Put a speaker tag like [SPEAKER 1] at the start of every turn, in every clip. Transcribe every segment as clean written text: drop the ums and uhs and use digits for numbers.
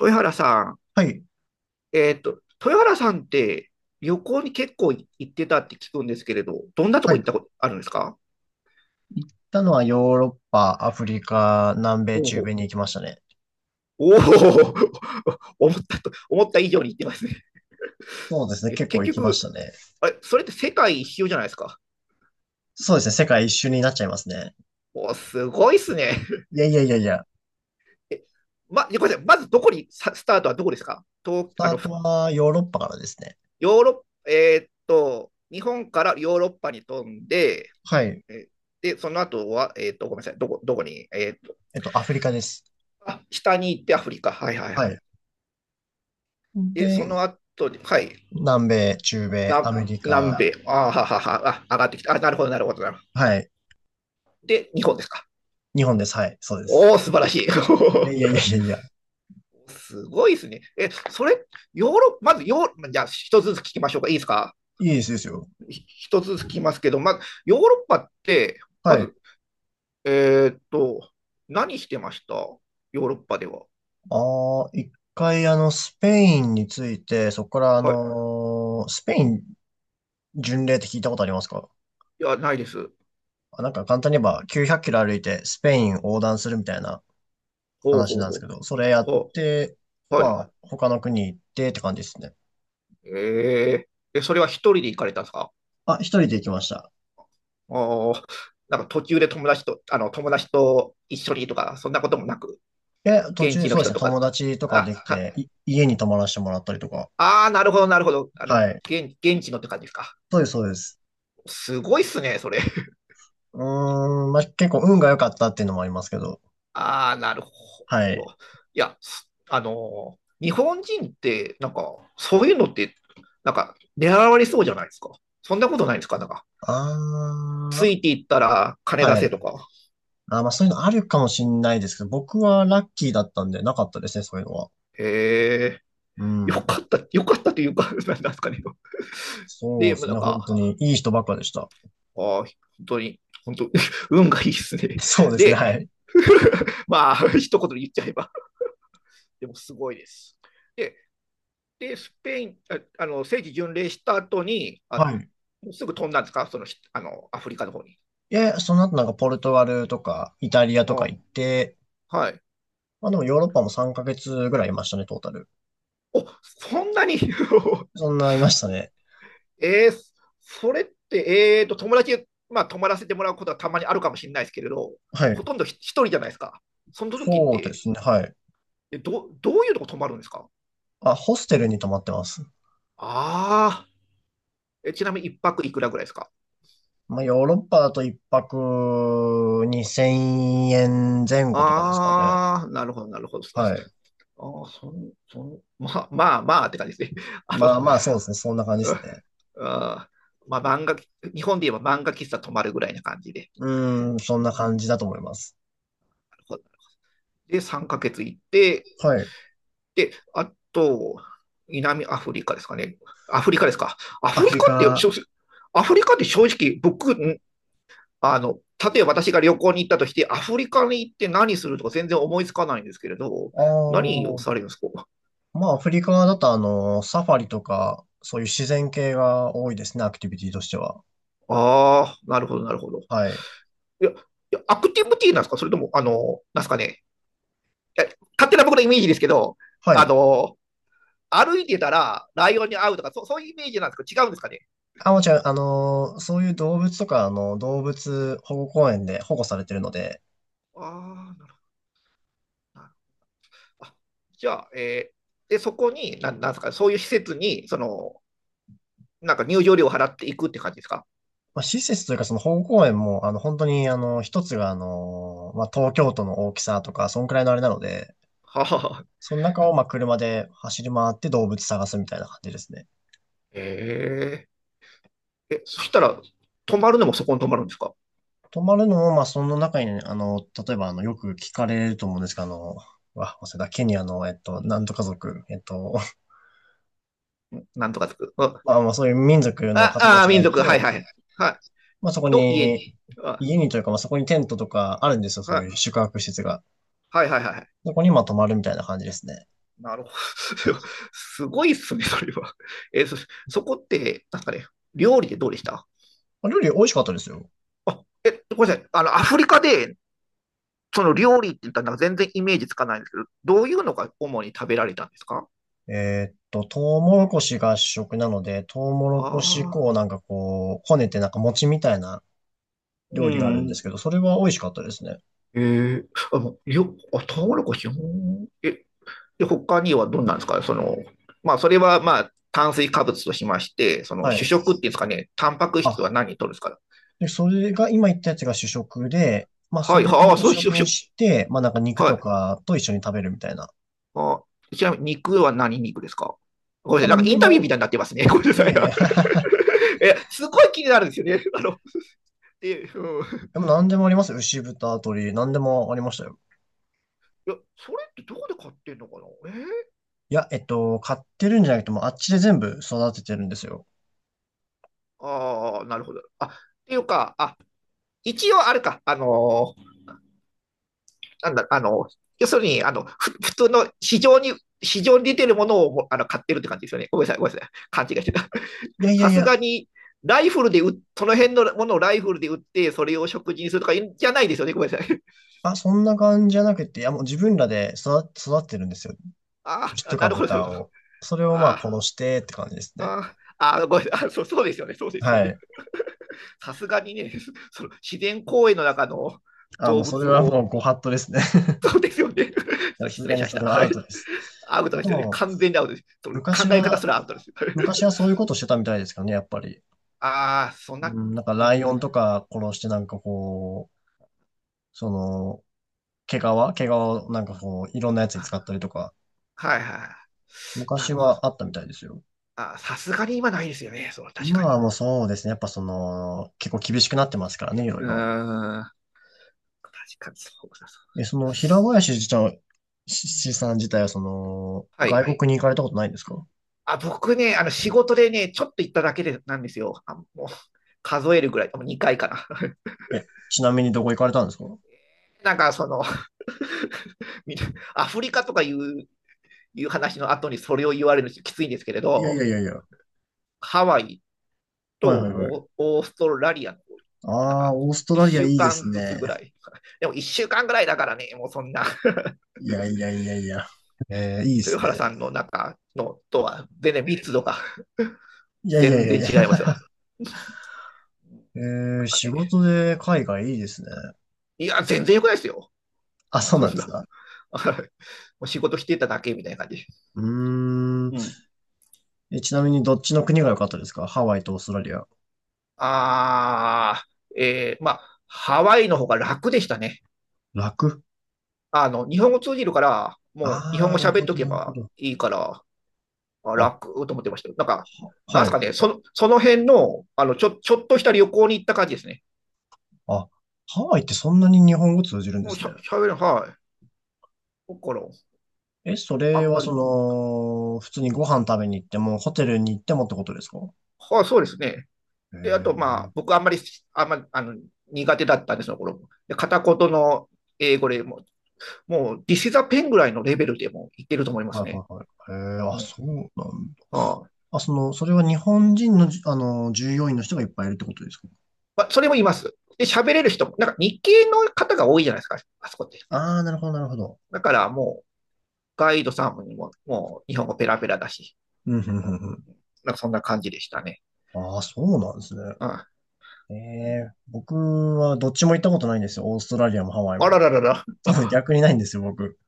[SPEAKER 1] 豊原さん、
[SPEAKER 2] はい。
[SPEAKER 1] 豊原さんって旅行に結構行ってたって聞くんですけれど、どんなと
[SPEAKER 2] は
[SPEAKER 1] こ行
[SPEAKER 2] い。
[SPEAKER 1] っ
[SPEAKER 2] 行っ
[SPEAKER 1] たことあるんですか？
[SPEAKER 2] たのはヨーロッパ、アフリカ、南米、
[SPEAKER 1] お
[SPEAKER 2] 中米
[SPEAKER 1] お、
[SPEAKER 2] に行きましたね。
[SPEAKER 1] おお、思った以上に行ってますね。
[SPEAKER 2] そうですね。結構
[SPEAKER 1] 結
[SPEAKER 2] 行きました
[SPEAKER 1] 局、
[SPEAKER 2] ね。
[SPEAKER 1] あれ、それって世界一周じゃないですか。
[SPEAKER 2] そうですね。世界一周になっちゃいますね。
[SPEAKER 1] おお、すごいっすね。
[SPEAKER 2] いやいやいやいや。
[SPEAKER 1] え、ごめんなさい、まずどこに、さスタートはどこですかと、
[SPEAKER 2] スタートはヨーロッパからですね。
[SPEAKER 1] ヨーロッ、えーっと、日本からヨーロッパに飛んで、
[SPEAKER 2] はい。
[SPEAKER 1] えで、その後は、ごめんなさい、どこに、えーっ
[SPEAKER 2] アフリカです。
[SPEAKER 1] あ、下に行ってアフリカ。はいはいはい。
[SPEAKER 2] はい。
[SPEAKER 1] で、そ
[SPEAKER 2] で、
[SPEAKER 1] の後に、はい。
[SPEAKER 2] 南米、中米、
[SPEAKER 1] な、
[SPEAKER 2] アメリ
[SPEAKER 1] 南
[SPEAKER 2] カ。
[SPEAKER 1] 米。あはははは。あ、上がってきた。あ、なるほど、なるほど、なるほ
[SPEAKER 2] はい。
[SPEAKER 1] ど。で、日本ですか？
[SPEAKER 2] 日本です。はい。そうです。
[SPEAKER 1] おお、素晴らしい。
[SPEAKER 2] いやいやいや いやいや。
[SPEAKER 1] すごいですね。え、それ、ヨーロッパ、まずヨーロッパ、じゃあ、一つずつ聞きましょうか？いいですか？
[SPEAKER 2] いいですですよ。
[SPEAKER 1] 一つずつ聞きますけど、まず、ヨーロッパって、ま
[SPEAKER 2] は
[SPEAKER 1] ず、
[SPEAKER 2] い。
[SPEAKER 1] えーっと、何してましたヨーロッパでは？
[SPEAKER 2] ああ、一回スペインについて、そこから
[SPEAKER 1] はい。い
[SPEAKER 2] スペイン巡礼って聞いたことありますか？
[SPEAKER 1] や、ないです。
[SPEAKER 2] あ、なんか簡単に言えば900キロ歩いてスペイン横断するみたいな
[SPEAKER 1] ほう
[SPEAKER 2] 話
[SPEAKER 1] ほう
[SPEAKER 2] なんです
[SPEAKER 1] ほ
[SPEAKER 2] け
[SPEAKER 1] う。
[SPEAKER 2] ど、それやっ
[SPEAKER 1] ほ
[SPEAKER 2] て、
[SPEAKER 1] はい。
[SPEAKER 2] まあ他の国行ってって感じですね。
[SPEAKER 1] えそれは一人で行かれたんですか？
[SPEAKER 2] あ、一人で行きました。
[SPEAKER 1] おーなんか途中で友達と一緒にとか、そんなこともなく、
[SPEAKER 2] え、途
[SPEAKER 1] 現
[SPEAKER 2] 中
[SPEAKER 1] 地の
[SPEAKER 2] そうで
[SPEAKER 1] 人
[SPEAKER 2] すね、
[SPEAKER 1] とか、
[SPEAKER 2] 友達とかで
[SPEAKER 1] あ、
[SPEAKER 2] き
[SPEAKER 1] は
[SPEAKER 2] て、家に泊まらせてもらったりとか。
[SPEAKER 1] あー、なるほど、なるほど。
[SPEAKER 2] はい。
[SPEAKER 1] 現地のって感じですか？
[SPEAKER 2] そうです、そうです。
[SPEAKER 1] すごいっすね、それ。
[SPEAKER 2] うーん、まあ結構運が良かったっていうのもありますけど。
[SPEAKER 1] あー、なるほ
[SPEAKER 2] はい。
[SPEAKER 1] ど。いや、すあのー、日本人って、なんか、そういうのって、なんか、狙われそうじゃないですか。そんなことないですか、なんか。
[SPEAKER 2] あ
[SPEAKER 1] つい
[SPEAKER 2] ー、
[SPEAKER 1] ていったら金出
[SPEAKER 2] はい。
[SPEAKER 1] せとか。
[SPEAKER 2] あー、まあそういうのあるかもしんないですけど、僕はラッキーだったんでなかったですね、そういうのは。
[SPEAKER 1] へえ、
[SPEAKER 2] う
[SPEAKER 1] よ
[SPEAKER 2] ん。
[SPEAKER 1] かった、よかったというか、なんですかね。
[SPEAKER 2] そう
[SPEAKER 1] で、
[SPEAKER 2] で
[SPEAKER 1] もう
[SPEAKER 2] す
[SPEAKER 1] な
[SPEAKER 2] ね、
[SPEAKER 1] ん
[SPEAKER 2] 本
[SPEAKER 1] か、
[SPEAKER 2] 当にいい人ばっかでした。
[SPEAKER 1] ああ、本当に、本当、運がいいです ね。
[SPEAKER 2] そうですね、
[SPEAKER 1] で、
[SPEAKER 2] はい。
[SPEAKER 1] まあ、一言で言っちゃえば、でもすごいです。で、スペイン、ああの聖地巡礼した後に、
[SPEAKER 2] はい。
[SPEAKER 1] すぐ飛んだんですか、そのアフリカの方に？
[SPEAKER 2] で、その後なんかポルトガルとかイタリアとか
[SPEAKER 1] あ
[SPEAKER 2] 行って、
[SPEAKER 1] はい。
[SPEAKER 2] まあでもヨーロッパも3ヶ月ぐらいいましたね、トータル。
[SPEAKER 1] そんなに
[SPEAKER 2] そんないましたね。
[SPEAKER 1] えー、それって、まあ、泊まらせてもらうことはたまにあるかもしれないですけれど、
[SPEAKER 2] は
[SPEAKER 1] ほ
[SPEAKER 2] い。
[SPEAKER 1] とんど一人じゃないですか。その時っ
[SPEAKER 2] そうで
[SPEAKER 1] て、
[SPEAKER 2] すね、はい。
[SPEAKER 1] どういうとこ泊まるんですか？
[SPEAKER 2] あ、ホステルに泊まってます。
[SPEAKER 1] ああ、ちなみに一泊いくらぐらいですか？
[SPEAKER 2] まあヨーロッパだと1泊2000円前後とかですかね。
[SPEAKER 1] ああー、なるほど、なるほど。
[SPEAKER 2] はい。
[SPEAKER 1] ああ、そん、そん、まあ、まあ、まあって感じですね。あ
[SPEAKER 2] まあ
[SPEAKER 1] の、
[SPEAKER 2] まあそうですね、そんな 感じで
[SPEAKER 1] う
[SPEAKER 2] す
[SPEAKER 1] ん、
[SPEAKER 2] ね。
[SPEAKER 1] あーまあ、日本で言えば漫画喫茶泊まるぐらいな感じで。
[SPEAKER 2] うーん、そんな感じだと思います。
[SPEAKER 1] なるほど。で、3ヶ月行って、
[SPEAKER 2] はい。
[SPEAKER 1] で、あと、南アフリカですかね。アフリカですか？ア
[SPEAKER 2] ア
[SPEAKER 1] フリ
[SPEAKER 2] フリ
[SPEAKER 1] カって、
[SPEAKER 2] カ、あ
[SPEAKER 1] 正直アフリカって正直、僕、あの、例えば私が旅行に行ったとして、アフリカに行って何するとか全然思いつかないんですけれど、何
[SPEAKER 2] あ、
[SPEAKER 1] をされるんですか？
[SPEAKER 2] まあ、アフリカだとサファリとか、そういう自然系が多いですね、アクティビティとしては。
[SPEAKER 1] ああ、なるほど、なるほど。
[SPEAKER 2] はい。
[SPEAKER 1] いや、いや、アクティブティーなんですか？それとも、あの、なんですかね。いや、勝手な僕のイメージですけど、
[SPEAKER 2] は
[SPEAKER 1] あ
[SPEAKER 2] い。
[SPEAKER 1] の、歩いてたらライオンに会うとか、そういうイメージなんですか？違うんですかね？
[SPEAKER 2] あ、もちろん、そういう動物とか、動物保護公園で保護されてるので、
[SPEAKER 1] ああ、なるほど。あ、じゃあ、で、そこに、なんですか、そういう施設に、その、なんか入場料を払っていくって感じですか？
[SPEAKER 2] まあ、施設というか、その保護公園も、本当に、一つが、まあ、東京都の大きさとか、そんくらいのあれなので、
[SPEAKER 1] はあ、
[SPEAKER 2] その中を、まあ、車で走り回って動物探すみたいな感じですね。
[SPEAKER 1] えええ、そしたら、泊まるのもそこに泊まるんですか？
[SPEAKER 2] 泊まるのも、まあ、その中にね、例えば、よく聞かれると思うんですけど、うわ、忘れた、ケニアの、なんとか族、
[SPEAKER 1] なんとかつく。うん。
[SPEAKER 2] まあ、まあ、そういう民族の
[SPEAKER 1] あ、
[SPEAKER 2] 方た
[SPEAKER 1] あ、
[SPEAKER 2] ちが
[SPEAKER 1] 民
[SPEAKER 2] い
[SPEAKER 1] 族、は
[SPEAKER 2] て、
[SPEAKER 1] いはい。はい。
[SPEAKER 2] まあ、そこ
[SPEAKER 1] の家に。
[SPEAKER 2] に、
[SPEAKER 1] あ、
[SPEAKER 2] 家にというか、まあ、そこにテントとかあるんですよ、そ
[SPEAKER 1] は
[SPEAKER 2] うい
[SPEAKER 1] い。
[SPEAKER 2] う宿泊施設が。
[SPEAKER 1] はいはいはい。
[SPEAKER 2] そこに、まあ、泊まるみたいな感じですね。
[SPEAKER 1] なるほど。すごいっすね、それは。え、そ、そこって、なんかね、料理でどうでした？
[SPEAKER 2] まあ料理美味しかったですよ。
[SPEAKER 1] あ、ごめんなさい。あの、アフリカで、その料理って言ったらなんか全然イメージつかないんですけど、どういうのが主に食べられたんですか？
[SPEAKER 2] トウモロコシが主食なので、トウモロコシ
[SPEAKER 1] あ
[SPEAKER 2] 粉を
[SPEAKER 1] あ
[SPEAKER 2] なんかこう、こねてなんか餅みたいな
[SPEAKER 1] ー、う
[SPEAKER 2] 料理があるんで
[SPEAKER 1] ん。
[SPEAKER 2] すけど、それは美味しかったですね。
[SPEAKER 1] えー、あ、もうよ、あ、トウモロコシ、うん。で、他にはどんなんですかその、まあ、それは、まあ、炭水化物としまして、その
[SPEAKER 2] は
[SPEAKER 1] 主
[SPEAKER 2] い。
[SPEAKER 1] 食っていうんですかね、タンパク
[SPEAKER 2] あ、
[SPEAKER 1] 質は何とるんですか？
[SPEAKER 2] で、それが、今言ったやつが主食で、まあ、
[SPEAKER 1] は
[SPEAKER 2] そ
[SPEAKER 1] い、
[SPEAKER 2] れ
[SPEAKER 1] はあ、
[SPEAKER 2] を主
[SPEAKER 1] そう、主
[SPEAKER 2] 食に
[SPEAKER 1] 食。
[SPEAKER 2] して、まあ、なんか肉
[SPEAKER 1] は
[SPEAKER 2] と
[SPEAKER 1] い。
[SPEAKER 2] かと一緒に食べるみたいな。
[SPEAKER 1] あちなみに肉は何肉ですか？ご
[SPEAKER 2] ま
[SPEAKER 1] め
[SPEAKER 2] あ、
[SPEAKER 1] んなさ
[SPEAKER 2] な
[SPEAKER 1] い、なんか
[SPEAKER 2] んで
[SPEAKER 1] インタビューみ
[SPEAKER 2] も、
[SPEAKER 1] たいになってますね。ごめんな
[SPEAKER 2] い
[SPEAKER 1] さ
[SPEAKER 2] やい
[SPEAKER 1] い。
[SPEAKER 2] やいや
[SPEAKER 1] すごい気になるんですよね。あの、で、うん。い
[SPEAKER 2] でもなんでもありますよ。牛豚、鶏、なんでもありましたよ。
[SPEAKER 1] や、それってどこで買ってんのかな？
[SPEAKER 2] いや、買ってるんじゃなくても、あっちで全部育ててるんですよ。
[SPEAKER 1] ああ、なるほど。っていうか、一応あれか、なんだ、要するに、あの、ふ普通の市場に、市場に出てるものを買ってるって感じですよね。ごめんなさい、ごめんなさい。勘違いしてた。
[SPEAKER 2] いや いや
[SPEAKER 1] さ
[SPEAKER 2] い
[SPEAKER 1] す
[SPEAKER 2] や、
[SPEAKER 1] がに、ライフルでうその辺のものをライフルで売って、それを食事にするとかじゃないですよね。ごめんなさい。
[SPEAKER 2] あ、そんな感じじゃなくて、いや、もう自分らで育ててるんですよ。
[SPEAKER 1] あ
[SPEAKER 2] 牛と
[SPEAKER 1] あ、
[SPEAKER 2] か
[SPEAKER 1] なるほど、なる
[SPEAKER 2] 豚
[SPEAKER 1] ほど。
[SPEAKER 2] を。それをまあ
[SPEAKER 1] あ
[SPEAKER 2] 殺してって感じですね。
[SPEAKER 1] あ、ああ、ごめん、そう、そうですよね、そうですよ
[SPEAKER 2] は
[SPEAKER 1] ね。
[SPEAKER 2] い。
[SPEAKER 1] さすがにね、その自然公園の中の
[SPEAKER 2] あ、も
[SPEAKER 1] 動
[SPEAKER 2] うそ
[SPEAKER 1] 物
[SPEAKER 2] れは
[SPEAKER 1] を、
[SPEAKER 2] もうご法度ですね。
[SPEAKER 1] そうですよね。ちょっ
[SPEAKER 2] さ
[SPEAKER 1] と
[SPEAKER 2] す
[SPEAKER 1] 失
[SPEAKER 2] が
[SPEAKER 1] 礼し
[SPEAKER 2] に
[SPEAKER 1] まし
[SPEAKER 2] そ
[SPEAKER 1] た。
[SPEAKER 2] れ は
[SPEAKER 1] は
[SPEAKER 2] アウ
[SPEAKER 1] い。
[SPEAKER 2] トです。
[SPEAKER 1] アウト
[SPEAKER 2] あ
[SPEAKER 1] で
[SPEAKER 2] と
[SPEAKER 1] すよね。
[SPEAKER 2] もう、
[SPEAKER 1] 完全にアウトです。その
[SPEAKER 2] 昔
[SPEAKER 1] 考え方
[SPEAKER 2] は、
[SPEAKER 1] すらアウトです。はい。
[SPEAKER 2] 昔はそういうことしてたみたいですかね、やっぱり。
[SPEAKER 1] ああ、そんな、
[SPEAKER 2] うん、なんか
[SPEAKER 1] う
[SPEAKER 2] ラ
[SPEAKER 1] ん。
[SPEAKER 2] イオンとか殺してなんかこう、その、毛皮をなんかこう、いろんなやつに
[SPEAKER 1] は
[SPEAKER 2] 使ったりとか、
[SPEAKER 1] はいはい。な
[SPEAKER 2] 昔
[SPEAKER 1] るほど。
[SPEAKER 2] はあったみたいですよ。
[SPEAKER 1] ああ、さすがに今ないですよね。そう、確か
[SPEAKER 2] 今はもうそうですね、やっぱその、結構厳しくなってますからね、いろ
[SPEAKER 1] に。
[SPEAKER 2] い
[SPEAKER 1] う
[SPEAKER 2] ろ。
[SPEAKER 1] ーん。確かに、そうそうそう。
[SPEAKER 2] え、その、平林自体、ししさん自体はその、
[SPEAKER 1] はい。
[SPEAKER 2] 外国に行かれたことないんですか？
[SPEAKER 1] あ、僕ね、あの仕事でね、ちょっと行っただけでなんですよ。あ、もう数えるぐらい、もう2回かな。
[SPEAKER 2] え、ちなみにどこ行かれたんですか？
[SPEAKER 1] なんかその アフリカとかいう話の後にそれを言われるのきついんですけれ
[SPEAKER 2] いやいや
[SPEAKER 1] ど、
[SPEAKER 2] いやいや。
[SPEAKER 1] ハワイと
[SPEAKER 2] はいはいはい。
[SPEAKER 1] オーストラリアの、なん
[SPEAKER 2] ああ、
[SPEAKER 1] か
[SPEAKER 2] オーストラリ
[SPEAKER 1] 1
[SPEAKER 2] ア
[SPEAKER 1] 週
[SPEAKER 2] いいです
[SPEAKER 1] 間ずつ
[SPEAKER 2] ね。
[SPEAKER 1] ぐらい。でも1週間ぐらいだからね、もうそんな
[SPEAKER 2] いやいやいやいや。いいで
[SPEAKER 1] 豊
[SPEAKER 2] すね。
[SPEAKER 1] 原さんの中のとは全然密度が
[SPEAKER 2] いやいや
[SPEAKER 1] 全
[SPEAKER 2] いや
[SPEAKER 1] 然
[SPEAKER 2] いや。
[SPEAKER 1] 違います よ。
[SPEAKER 2] え
[SPEAKER 1] なんか
[SPEAKER 2] 仕
[SPEAKER 1] ね、
[SPEAKER 2] 事で海外いいですね。
[SPEAKER 1] いや、全然良くないですよ。
[SPEAKER 2] あ、そう
[SPEAKER 1] そん
[SPEAKER 2] なんで
[SPEAKER 1] な
[SPEAKER 2] す
[SPEAKER 1] もん も
[SPEAKER 2] か？
[SPEAKER 1] う仕事してただけみたいな感じ。
[SPEAKER 2] うーん。
[SPEAKER 1] うん。
[SPEAKER 2] え、ちなみにどっちの国が良かったですか？ハワイとオーストラリア。
[SPEAKER 1] ああ、まあ、ハワイの方が楽でしたね。
[SPEAKER 2] 楽。
[SPEAKER 1] あの、日本語通じるから、もう日本
[SPEAKER 2] ああ
[SPEAKER 1] 語
[SPEAKER 2] ー、なる
[SPEAKER 1] 喋っ
[SPEAKER 2] ほ
[SPEAKER 1] と
[SPEAKER 2] ど、
[SPEAKER 1] け
[SPEAKER 2] なるほ
[SPEAKER 1] ば
[SPEAKER 2] ど。
[SPEAKER 1] いいから、
[SPEAKER 2] あ、
[SPEAKER 1] 楽と思ってましたよ。なんか、な
[SPEAKER 2] は
[SPEAKER 1] んす
[SPEAKER 2] い。
[SPEAKER 1] かね、その、その辺の、あの、ちょっとした旅行に行った感じですね。
[SPEAKER 2] あ、ハワイってそんなに日本語通じるんで
[SPEAKER 1] もう
[SPEAKER 2] す
[SPEAKER 1] しゃ、
[SPEAKER 2] ね。
[SPEAKER 1] 喋る、はい。だから、
[SPEAKER 2] え、そ
[SPEAKER 1] あ
[SPEAKER 2] れ
[SPEAKER 1] ん
[SPEAKER 2] は
[SPEAKER 1] ま
[SPEAKER 2] そ
[SPEAKER 1] り、
[SPEAKER 2] の、普通にご飯食べに行っても、ホテルに行ってもってことですか？
[SPEAKER 1] はい、そうですね。
[SPEAKER 2] へ
[SPEAKER 1] で、あと、ま
[SPEAKER 2] え。
[SPEAKER 1] あ、僕あんまり、あの、苦手だったんですよ、この頃。で、片言の英語でももう、This is a pen ぐらいのレベルでも言ってると思いま
[SPEAKER 2] はい
[SPEAKER 1] すね。
[SPEAKER 2] はいはい。へえ。
[SPEAKER 1] う
[SPEAKER 2] あ、
[SPEAKER 1] ん。
[SPEAKER 2] そうなんだ。
[SPEAKER 1] ああ、
[SPEAKER 2] あ、その、それは日本人の従業員の人がいっぱいいるってことですか？
[SPEAKER 1] まあ、それもいます。で、喋れる人も、なんか日系の方が多いじゃないですか、あそこって。
[SPEAKER 2] ああー、なるほど、なるほど。
[SPEAKER 1] だからもう、ガイドさんにも、もう日本語ペラペラだし、
[SPEAKER 2] うん、うん、うんうん。
[SPEAKER 1] なんかそんな感じでしたね。
[SPEAKER 2] ああ、そうなんですね。
[SPEAKER 1] うん。
[SPEAKER 2] ええ、僕はどっちも行ったことないんですよ。オーストラリアもハワイ
[SPEAKER 1] あら
[SPEAKER 2] も。
[SPEAKER 1] ららら、
[SPEAKER 2] 逆にないんですよ、僕。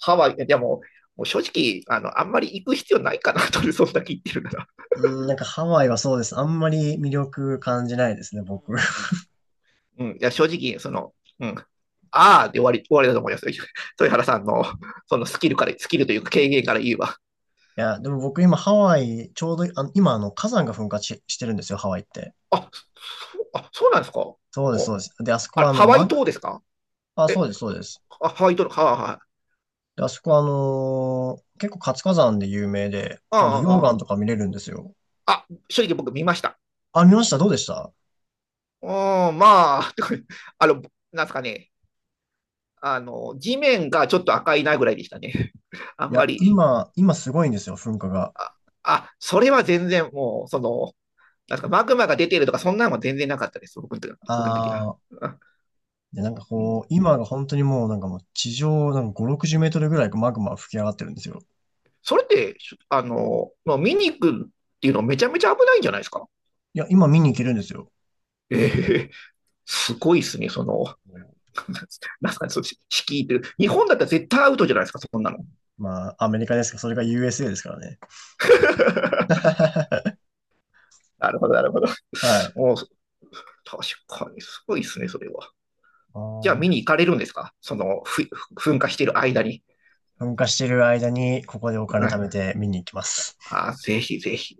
[SPEAKER 1] ハワイ、でも、もう正直、あの、あんまり行く必要ないかなと、そんだけ言ってるなら。
[SPEAKER 2] うん、なんかハワイはそうです。あんまり魅力感じないですね、僕。い
[SPEAKER 1] うん。うん。いや、正直、その、うん。ああで終わり、終わりだと思います、豊原さんの、スキルというか経験から言えば。
[SPEAKER 2] や、でも僕今ハワイ、ちょうど今火山が噴火し、してるんですよ、ハワイって。
[SPEAKER 1] あ、そうなんですか？ほ
[SPEAKER 2] そうです、
[SPEAKER 1] う。
[SPEAKER 2] そうです。で、あそこ
[SPEAKER 1] あ
[SPEAKER 2] は
[SPEAKER 1] れ、
[SPEAKER 2] あの、
[SPEAKER 1] ハワイ
[SPEAKER 2] ま、
[SPEAKER 1] 島ですか？
[SPEAKER 2] あ、そう
[SPEAKER 1] え、
[SPEAKER 2] です、そうです。
[SPEAKER 1] あ、ハワイ島の、はあ、はい。
[SPEAKER 2] で、あそこは結構活火山で有名で、
[SPEAKER 1] あ
[SPEAKER 2] 溶
[SPEAKER 1] あ、
[SPEAKER 2] 岩
[SPEAKER 1] あ
[SPEAKER 2] とか見れるんですよ。
[SPEAKER 1] あ。あ、正直僕見ました。
[SPEAKER 2] あ、見ました。どうでした？
[SPEAKER 1] うん、まあ、てか、あの、なんですかね。あの、地面がちょっと赤いなぐらいでしたね。あ
[SPEAKER 2] い
[SPEAKER 1] んま
[SPEAKER 2] や、
[SPEAKER 1] り。
[SPEAKER 2] 今すごいんですよ、噴火が。
[SPEAKER 1] あ、それは全然もう、その、なんですか、マグマが出てるとか、そんなのは全然なかったです。僕の時は、僕の時は。
[SPEAKER 2] あ、
[SPEAKER 1] あ
[SPEAKER 2] で、なんか
[SPEAKER 1] う
[SPEAKER 2] こ
[SPEAKER 1] ん、
[SPEAKER 2] う、今が本当にもうなんかもう地上なんか5、60メートルぐらいマグマが吹き上がってるんですよ。
[SPEAKER 1] それって、あの、まあ見に行くっていうのめちゃめちゃ危ないんじゃないですか。
[SPEAKER 2] いや、今見に行けるんですよ。
[SPEAKER 1] ええ、すごいですね、その、なんかそっち、敷居っ日本だったら絶対アウトじゃないですか、そんなの。
[SPEAKER 2] まあ、アメリカですか、それが USA ですからね。
[SPEAKER 1] なるほど、なるほど。
[SPEAKER 2] はい。
[SPEAKER 1] もう、確かに、すごいですね、それは。
[SPEAKER 2] あ
[SPEAKER 1] じゃあ、見に
[SPEAKER 2] ー
[SPEAKER 1] 行かれるんですかその、噴火してる間に？
[SPEAKER 2] 噴火してる間にここでお
[SPEAKER 1] う
[SPEAKER 2] 金
[SPEAKER 1] ん、
[SPEAKER 2] 貯めて見に行きます。
[SPEAKER 1] ぜひぜひ。